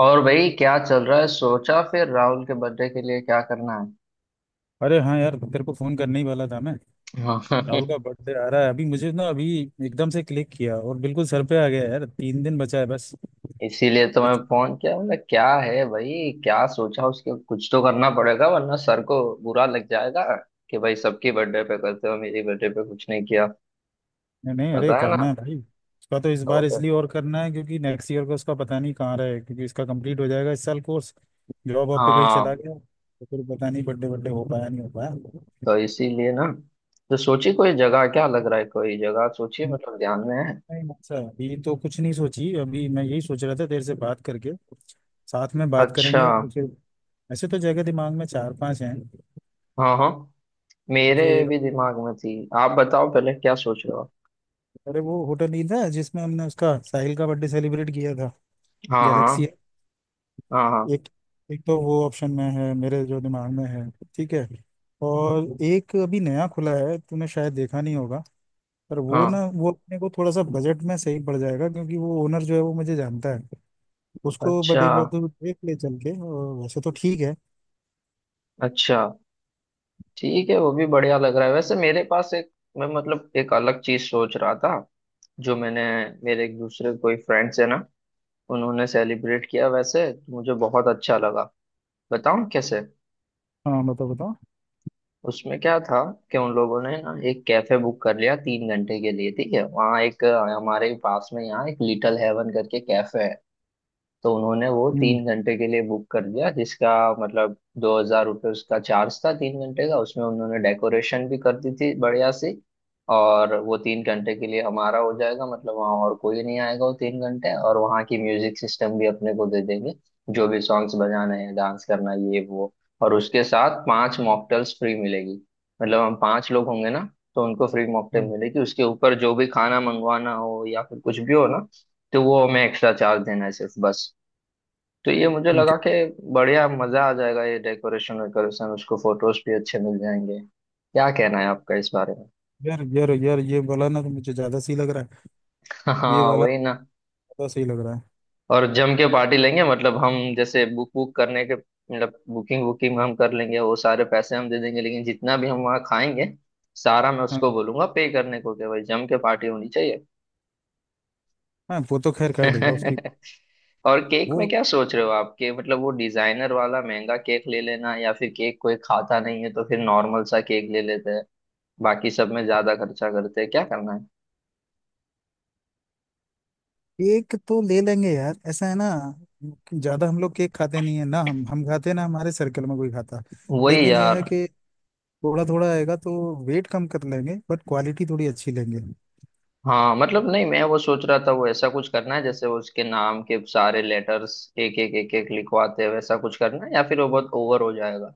और भाई क्या चल रहा है? सोचा फिर राहुल के बर्थडे के लिए क्या करना है। अरे हाँ यार तेरे को फोन करने ही वाला था मैं। हाँ। राहुल का बर्थडे आ रहा है अभी मुझे ना अभी एकदम से क्लिक किया और बिल्कुल सर पे आ गया यार। तीन दिन बचा है बस। इसीलिए तो मैं कुछ फोन किया, मतलब क्या है भाई, क्या सोचा उसके? कुछ तो करना पड़ेगा वरना सर को बुरा लग जाएगा कि भाई सबकी बर्थडे पे करते हो, मेरी बर्थडे पे कुछ नहीं किया। नहीं नहीं, अरे पता है ना। करना है भाई। उसका तो इस तो बार फिर। इसलिए और करना है क्योंकि नेक्स्ट ईयर का उसका पता नहीं कहाँ रहे, क्योंकि इसका कंप्लीट हो जाएगा इस साल कोर्स। जॉब वॉब पे कहीं हाँ। चला गया तो फिर पता नहीं बर्थडे बर्थडे हो पाया नहीं हो पाया। तो इसीलिए ना। तो सोची कोई जगह? क्या लग रहा है, कोई जगह सोचिए, मतलब ध्यान में है? नहीं, अच्छा अभी तो कुछ नहीं सोची। अभी मैं यही सोच रहा था देर से बात करके साथ में बात अच्छा। करेंगे और फिर। ऐसे तो जगह दिमाग में चार पांच हैं। हाँ हाँ, तो मेरे जो एक। भी दिमाग में थी। आप बताओ पहले क्या सोच रहे हो। अरे वो होटल ही था जिसमें हमने उसका साहिल का बर्थडे सेलिब्रेट किया था। हाँ गैलेक्सी। हाँ। हाँ हाँ। एक एक तो वो ऑप्शन में है मेरे, जो दिमाग में है। ठीक है। और एक अभी नया खुला है, तूने शायद देखा नहीं होगा। पर वो ना हाँ। वो अपने को थोड़ा सा बजट में सही पड़ जाएगा, क्योंकि वो ओनर जो है वो मुझे जानता है उसको। बट अच्छा। एक बार तो देख ले चल के, और वैसे तो ठीक है। अच्छा। ठीक है, वो भी बढ़िया लग रहा है। वैसे मेरे पास एक, मैं मतलब एक अलग चीज सोच रहा था जो मैंने, मेरे एक दूसरे कोई फ्रेंड्स है ना, उन्होंने सेलिब्रेट किया वैसे, तो मुझे बहुत अच्छा लगा। बताऊं कैसे? हाँ बताओ बताओ। उसमें क्या था कि उन लोगों ने ना एक कैफे बुक कर लिया 3 घंटे के लिए, ठीक है, वहाँ एक हमारे पास में यहाँ एक लिटिल हेवन करके कैफे है। तो उन्होंने वो हम्म, तीन घंटे के लिए बुक कर दिया, जिसका मतलब ₹2000 उसका चार्ज था 3 घंटे का। उसमें उन्होंने डेकोरेशन भी कर दी थी बढ़िया सी। और वो 3 घंटे के लिए हमारा हो जाएगा, मतलब वहाँ और कोई नहीं आएगा वो 3 घंटे, और वहाँ की म्यूजिक सिस्टम भी अपने को दे देंगे। जो भी सॉन्ग्स बजाने हैं, डांस करना है, ये वो। और उसके साथ 5 मॉकटेल्स फ्री मिलेगी, मतलब हम 5 लोग होंगे ना, तो उनको फ्री मॉकटेल हाँ मिलेगी। उसके ऊपर जो भी खाना मंगवाना हो या फिर कुछ भी हो ना, तो वो हमें एक्स्ट्रा चार्ज देना है सिर्फ, बस। तो ये मुझे ठीक लगा कि बढ़िया मजा आ जाएगा, ये डेकोरेशन वेकोरेशन, उसको फोटोज भी अच्छे मिल जाएंगे। क्या कहना है आपका इस बारे में? है। यार यार यार, ये वाला ना तो मुझे ज़्यादा सही लग रहा है। ये हाँ वाला वही ना। ज़्यादा सही लग रहा है। और जम के पार्टी लेंगे, मतलब हम जैसे बुक बुक करने के, मतलब बुकिंग, बुकिंग हम कर लेंगे, वो सारे पैसे हम दे देंगे, लेकिन जितना भी हम वहाँ खाएंगे सारा मैं हाँ उसको बोलूंगा पे करने को कि भाई जम के पार्टी होनी चाहिए। हाँ, वो तो खैर कर देगा उसकी। और केक वो में क्या सोच रहे हो आप? कि मतलब वो डिजाइनर वाला महंगा केक ले लेना, या फिर केक कोई खाता नहीं है तो फिर नॉर्मल सा केक ले लेते हैं, बाकी सब में ज्यादा खर्चा करते हैं, क्या करना है? केक तो ले लेंगे यार, ऐसा है ना। ज्यादा हम लोग केक खाते नहीं है ना, हम खाते ना, हमारे सर्कल में कोई खाता। वही लेकिन यह यार। है कि थोड़ा थोड़ा आएगा तो वेट कम कर लेंगे, बट क्वालिटी थोड़ी अच्छी लेंगे। हाँ, मतलब नहीं, मैं वो सोच रहा था वो ऐसा कुछ करना है जैसे वो उसके नाम के सारे लेटर्स एक एक एक एक लिखवाते हैं, वैसा कुछ करना है, या फिर वो बहुत ओवर हो जाएगा?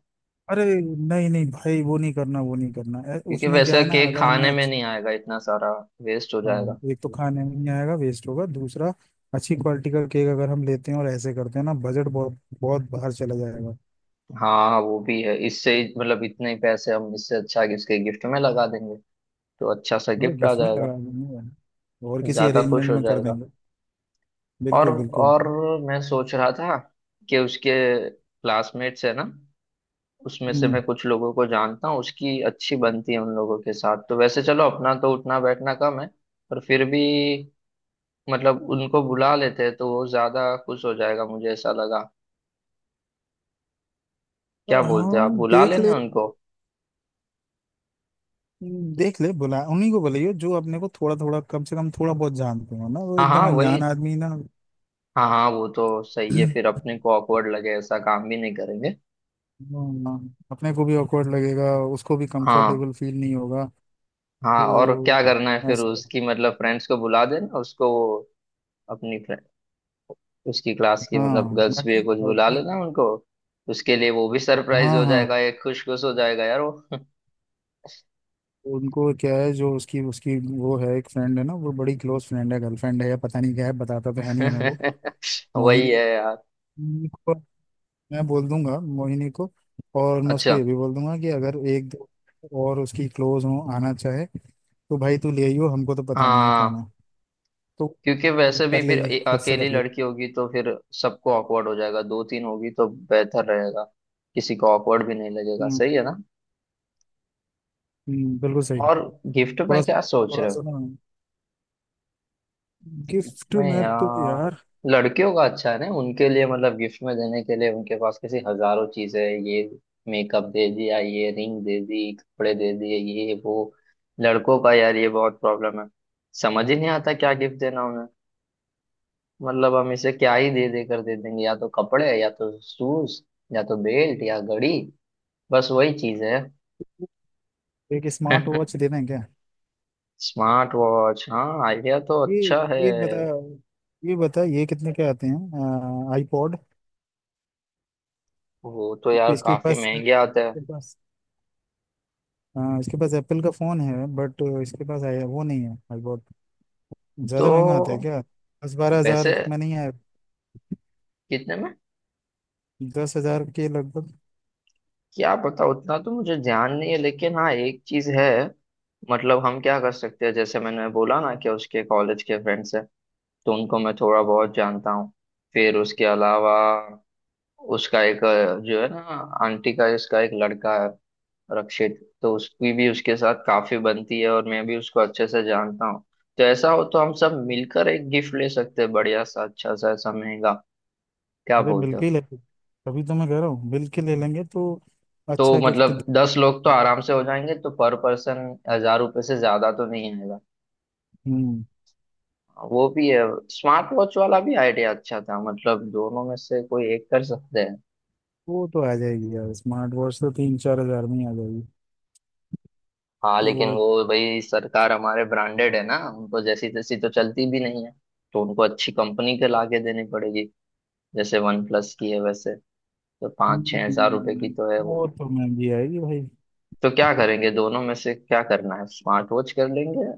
अरे नहीं नहीं भाई, वो नहीं करना वो नहीं करना, क्योंकि उसमें क्या वैसा है ना, केक अगर हमने खाने में अच्छा। नहीं आएगा इतना सारा, वेस्ट हो जाएगा। हाँ, एक तो खाने में नहीं आएगा वेस्ट होगा, दूसरा अच्छी क्वालिटी का केक अगर हम लेते हैं और ऐसे करते हैं ना, बजट बहुत बहुत बाहर चला जाएगा। हाँ वो भी है, मतलब इतने ही पैसे हम, इससे अच्छा कि इसके गिफ्ट में लगा देंगे, तो अच्छा सा अरे गिफ्ट आ गिफ्ट में जाएगा, लगा देंगे, और किसी ज्यादा खुश अरेंजमेंट हो में कर जाएगा। देंगे। और। बिल्कुल बिल्कुल। और। मैं सोच रहा था कि उसके क्लासमेट्स है ना, उसमें से मैं हम्म। कुछ लोगों को जानता हूँ, उसकी अच्छी बनती है उन लोगों के साथ। तो वैसे चलो अपना तो उठना बैठना कम है, पर फिर भी मतलब उनको बुला लेते हैं तो वो ज्यादा खुश हो जाएगा, मुझे ऐसा लगा। क्या बोलते हो आप, हाँ बुला देख ले। लेना उनको? देख ले, बुला, उन्हीं को बुलाइयो जो अपने को थोड़ा थोड़ा कम से कम थोड़ा बहुत जानते हो ना, वो हाँ हाँ एकदम वही। अनजान आदमी ना। हाँ हाँ, वो तो सही है, फिर अपने को awkward लगे ऐसा काम भी नहीं करेंगे। हाँ, अपने को भी awkward लगेगा, उसको भी हाँ। कंफर्टेबल फील नहीं होगा। हाँ, और तो क्या करना है फिर? ऐसे। उसकी मतलब फ्रेंड्स को बुला देना उसको, अपनी, उसकी क्लास की मतलब हाँ गर्ल्स भी बाकी कुछ बुला बाकी। लेना उनको, उसके लिए वो भी सरप्राइज हाँ हो हाँ। जाएगा एक, खुश खुश हो जाएगा यार वो। उनको क्या है, जो उसकी उसकी वो है एक फ्रेंड है ना, वो बड़ी क्लोज फ्रेंड है, गर्लफ्रेंड है या पता नहीं क्या है, बताता तो है नहीं हमें वो। वही मोहिनी। है यार। मैं बोल दूंगा मोहिनी को। और मैं उसको अच्छा। ये भी बोल दूंगा कि अगर एक दो और उसकी क्लोज हो आना चाहे तो भाई तू ले आइयो, हमको तो पता नहीं है कौन हाँ, है। तो क्योंकि वो वैसे कर भी फिर लेगी खुद से अकेली कर लेगी। लड़की होगी तो फिर सबको ऑकवर्ड हो जाएगा, दो तीन होगी तो बेहतर रहेगा, किसी को ऑकवर्ड भी नहीं लगेगा, हम्म। सही है ना? बिल्कुल सही। और गिफ्ट में क्या सोच थोड़ा रहे? सा ना, गिफ्ट मैं में तो यार, यार। लड़कियों का अच्छा है ना, उनके लिए मतलब गिफ्ट में देने के लिए उनके पास कैसी हजारों चीजें हैं, ये मेकअप दे दिया, ये रिंग दे दी, कपड़े दे दिए, ये वो। लड़कों का यार ये बहुत प्रॉब्लम है, समझ ही नहीं आता क्या गिफ्ट देना उन्हें। मतलब हम इसे क्या ही दे दे कर दे देंगे, या तो कपड़े, या तो शूज, या तो बेल्ट, या घड़ी, बस वही चीज है। एक स्मार्ट वॉच दे दें क्या। स्मार्ट वॉच, हाँ, आइडिया तो ये अच्छा है। ये बता ये बता ये कितने के आते हैं आईपॉड। वो तो यार इसके काफी पास महंगे आते हैं। इसके पास हाँ इसके पास एप्पल का फोन है, बट इसके पास आई वो नहीं है। ज्यादा महंगा आता है तो क्या। दस बारह वैसे। हजार में नहीं है। कितने में? 10 हजार के लगभग। क्या पता, उतना तो मुझे ध्यान नहीं है, लेकिन हाँ एक चीज है, मतलब हम क्या कर सकते हैं, जैसे मैंने बोला ना कि उसके कॉलेज के फ्रेंड्स हैं, तो उनको मैं थोड़ा बहुत जानता हूँ। फिर उसके अलावा उसका एक जो है ना, आंटी का इसका एक लड़का है, रक्षित, तो उसकी भी उसके साथ काफी बनती है, और मैं भी उसको अच्छे से जानता हूँ। तो ऐसा हो तो हम सब मिलकर एक गिफ्ट ले सकते हैं बढ़िया सा, अच्छा सा, ऐसा महंगा। क्या अरे बोलते मिलके हो? ही लेंगे। तभी तो मैं कह रहा हूँ, मिलके ले लेंगे तो तो अच्छा गिफ्ट दे-। मतलब 10 लोग तो आराम से हो जाएंगे, तो पर पर्सन 1000 रुपये से ज्यादा तो नहीं आएगा। हम्म। वो भी है। स्मार्ट वॉच वाला भी आइडिया अच्छा था, मतलब दोनों में से कोई एक कर सकते हैं। वो तो आ जाएगी यार, स्मार्ट वॉच तो 3-4 हजार में ही आ जाएगी। हाँ, लेकिन वो। वो भाई सरकार हमारे ब्रांडेड है ना, उनको जैसी तैसी तो चलती भी नहीं है, तो उनको अच्छी कंपनी के लाके देनी पड़ेगी, जैसे वन प्लस की है वैसे, तो 5-6 हजार रुपए की हम्म, तो है वो। वो तो महंगी आएगी भाई। तो क्या करेंगे, दोनों में से क्या करना है, स्मार्ट वॉच कर लेंगे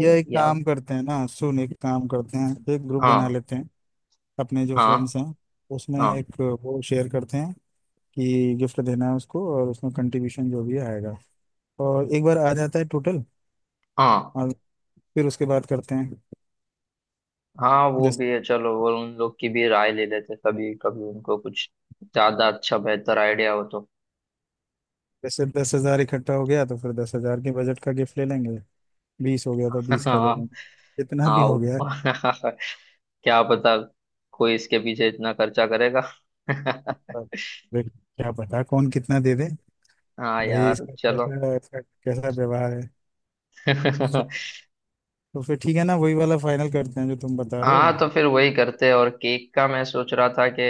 ये एक या? काम करते हैं ना सुन, एक काम करते हैं, एक ग्रुप बना हाँ। लेते हैं। अपने जो हाँ। फ्रेंड्स हैं, उसमें हाँ। एक वो शेयर करते हैं कि गिफ्ट देना है उसको, और उसमें कंट्रीब्यूशन जो भी आएगा। और एक बार आ जाता है टोटल, हाँ। और फिर उसके बाद करते हैं। हाँ, वो जैसे, भी है, चलो वो उन लोग की भी राय ले लेते, कभी कभी उनको कुछ ज्यादा अच्छा बेहतर आइडिया हो तो। जैसे 10 हजार इकट्ठा हो गया तो फिर 10 हजार के बजट का गिफ्ट ले लेंगे। बीस हो गया तो बीस का ले हाँ। लेंगे। जितना भी हाँ हो वो- गया। क्या पता, कोई इसके पीछे इतना खर्चा करेगा। अब देख, क्या पता कौन कितना दे दे। हाँ भाई यार इसका चलो। कैसा इसका कैसा व्यवहार है। चलो, तो फिर ठीक है ना, वही वाला फाइनल करते हैं जो तुम बता रहे हाँ तो हो। फिर वही करते हैं। और केक का मैं सोच रहा था कि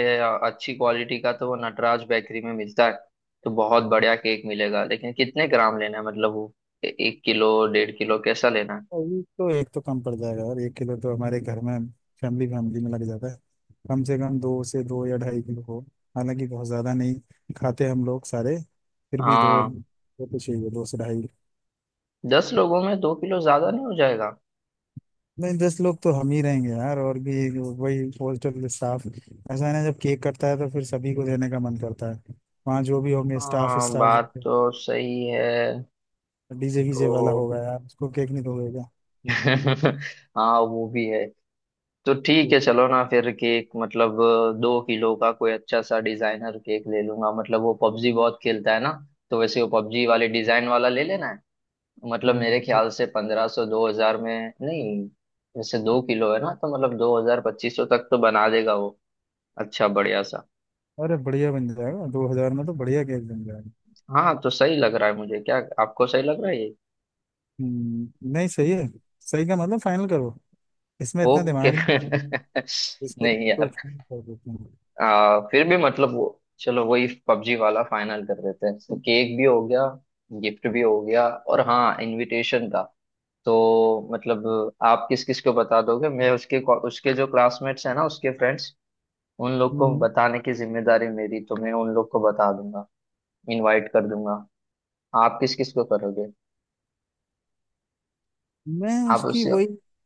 अच्छी क्वालिटी का तो वो नटराज बेकरी में मिलता है, तो बहुत बढ़िया केक मिलेगा, लेकिन कितने ग्राम लेना है, मतलब वो 1 किलो, 1.5 किलो, कैसा लेना है? अभी तो एक तो कम पड़ जाएगा, और 1 किलो तो हमारे घर में फैमिली फैमिली में लग जाता है। कम से कम दो से दो या 2.5 किलो हो। हालांकि बहुत ज़्यादा नहीं खाते हम लोग सारे। फिर भी दो हाँ, दो तो चाहिए, दो से ढाई। 10 लोगों में 2 किलो ज्यादा नहीं हो जाएगा? नहीं, 10 लोग तो हम ही रहेंगे यार और भी। वही हॉस्टल स्टाफ ऐसा है ना, जब केक कटता है तो फिर सभी को देने का मन करता है। वहाँ जो भी होंगे स्टाफ हाँ, स्टाफ। बात तो सही है। डीजे तो वीजे वाला होगा यार, उसको केक नहीं दोगे क्या। हाँ वो भी है। तो ठीक है, चलो ना, फिर केक मतलब 2 किलो का कोई अच्छा सा डिजाइनर केक ले लूंगा। मतलब वो पबजी बहुत खेलता है ना, तो वैसे वो पबजी वाले डिजाइन वाला ले लेना है। मतलब मेरे ठीक। ख्याल से 1500 2000 में नहीं, वैसे 2 किलो है ना, तो मतलब 2000 2500 तक तो बना देगा वो, अच्छा बढ़िया सा। अरे बढ़िया बन जाएगा, 2 हजार में तो बढ़िया केक बन जाएगा। हाँ तो सही लग रहा है मुझे, क्या आपको सही लग रहा है? नहीं सही है। सही का मतलब फाइनल करो। इसमें इतना ओके। दिमाग नहीं मारना। इसको नहीं तो यार, फाइनल कर देते हैं। फिर भी मतलब वो, चलो वही पबजी वाला फाइनल कर देते हैं, तो केक भी हो गया, गिफ्ट भी हो गया। और हाँ, इनविटेशन का तो मतलब आप किस किस को बता दोगे? मैं उसके, उसके जो क्लासमेट्स हैं ना, उसके फ्रेंड्स, उन लोग को हम्म, बताने की जिम्मेदारी मेरी, तो मैं उन लोग को बता दूंगा, इनवाइट कर दूंगा। आप किस किस को करोगे? मैं आप उसकी उससे। वही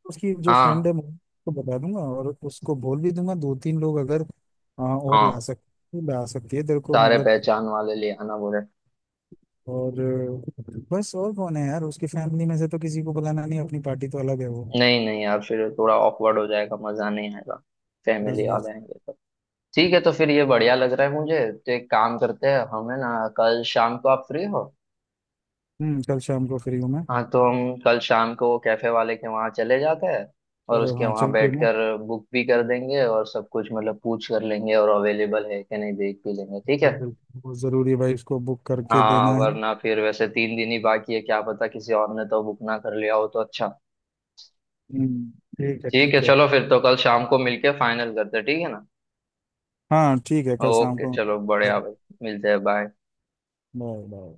उसकी जो फ्रेंड हाँ है, मैं उसको बता दूंगा। और उसको बोल भी दूंगा दो तीन लोग अगर और हाँ, ला सकती है तेरे को सारे मतलब। पहचान वाले ले आना बोले। और अ, बस और कौन है यार, उसकी फैमिली में से तो किसी को बुलाना नहीं, अपनी पार्टी तो अलग है वो। नहीं नहीं यार, फिर थोड़ा ऑकवर्ड हो जाएगा, मजा नहीं आएगा, बस फैमिली आ बस। जाएंगे तो। ठीक है, तो फिर ये बढ़िया लग रहा है मुझे। तो एक काम करते हैं हम है ना, कल शाम को आप फ्री हो? हम्म, कल शाम को फ्री हूँ मैं। हाँ तो हम कल शाम को कैफे वाले के वहाँ चले जाते हैं, और चलो उसके हाँ, वहाँ चल के ना। बैठकर बुक भी कर देंगे, और सब कुछ मतलब पूछ कर लेंगे, और अवेलेबल है कि नहीं देख भी लेंगे, ठीक तो है? बिल्कुल, बहुत जरूरी है भाई, उसको बुक करके हाँ देना है। वरना फिर वैसे 3 दिन ही बाकी है, क्या पता किसी और ने तो बुक ना कर लिया हो, तो अच्छा। हम्म, ठीक है ठीक है, ठीक है। चलो फिर तो कल शाम को मिलके फाइनल करते हैं, ठीक है ना? हाँ ठीक है, कल शाम ओके को। चलो बढ़िया भाई, मिलते हैं, बाय। Bye bye.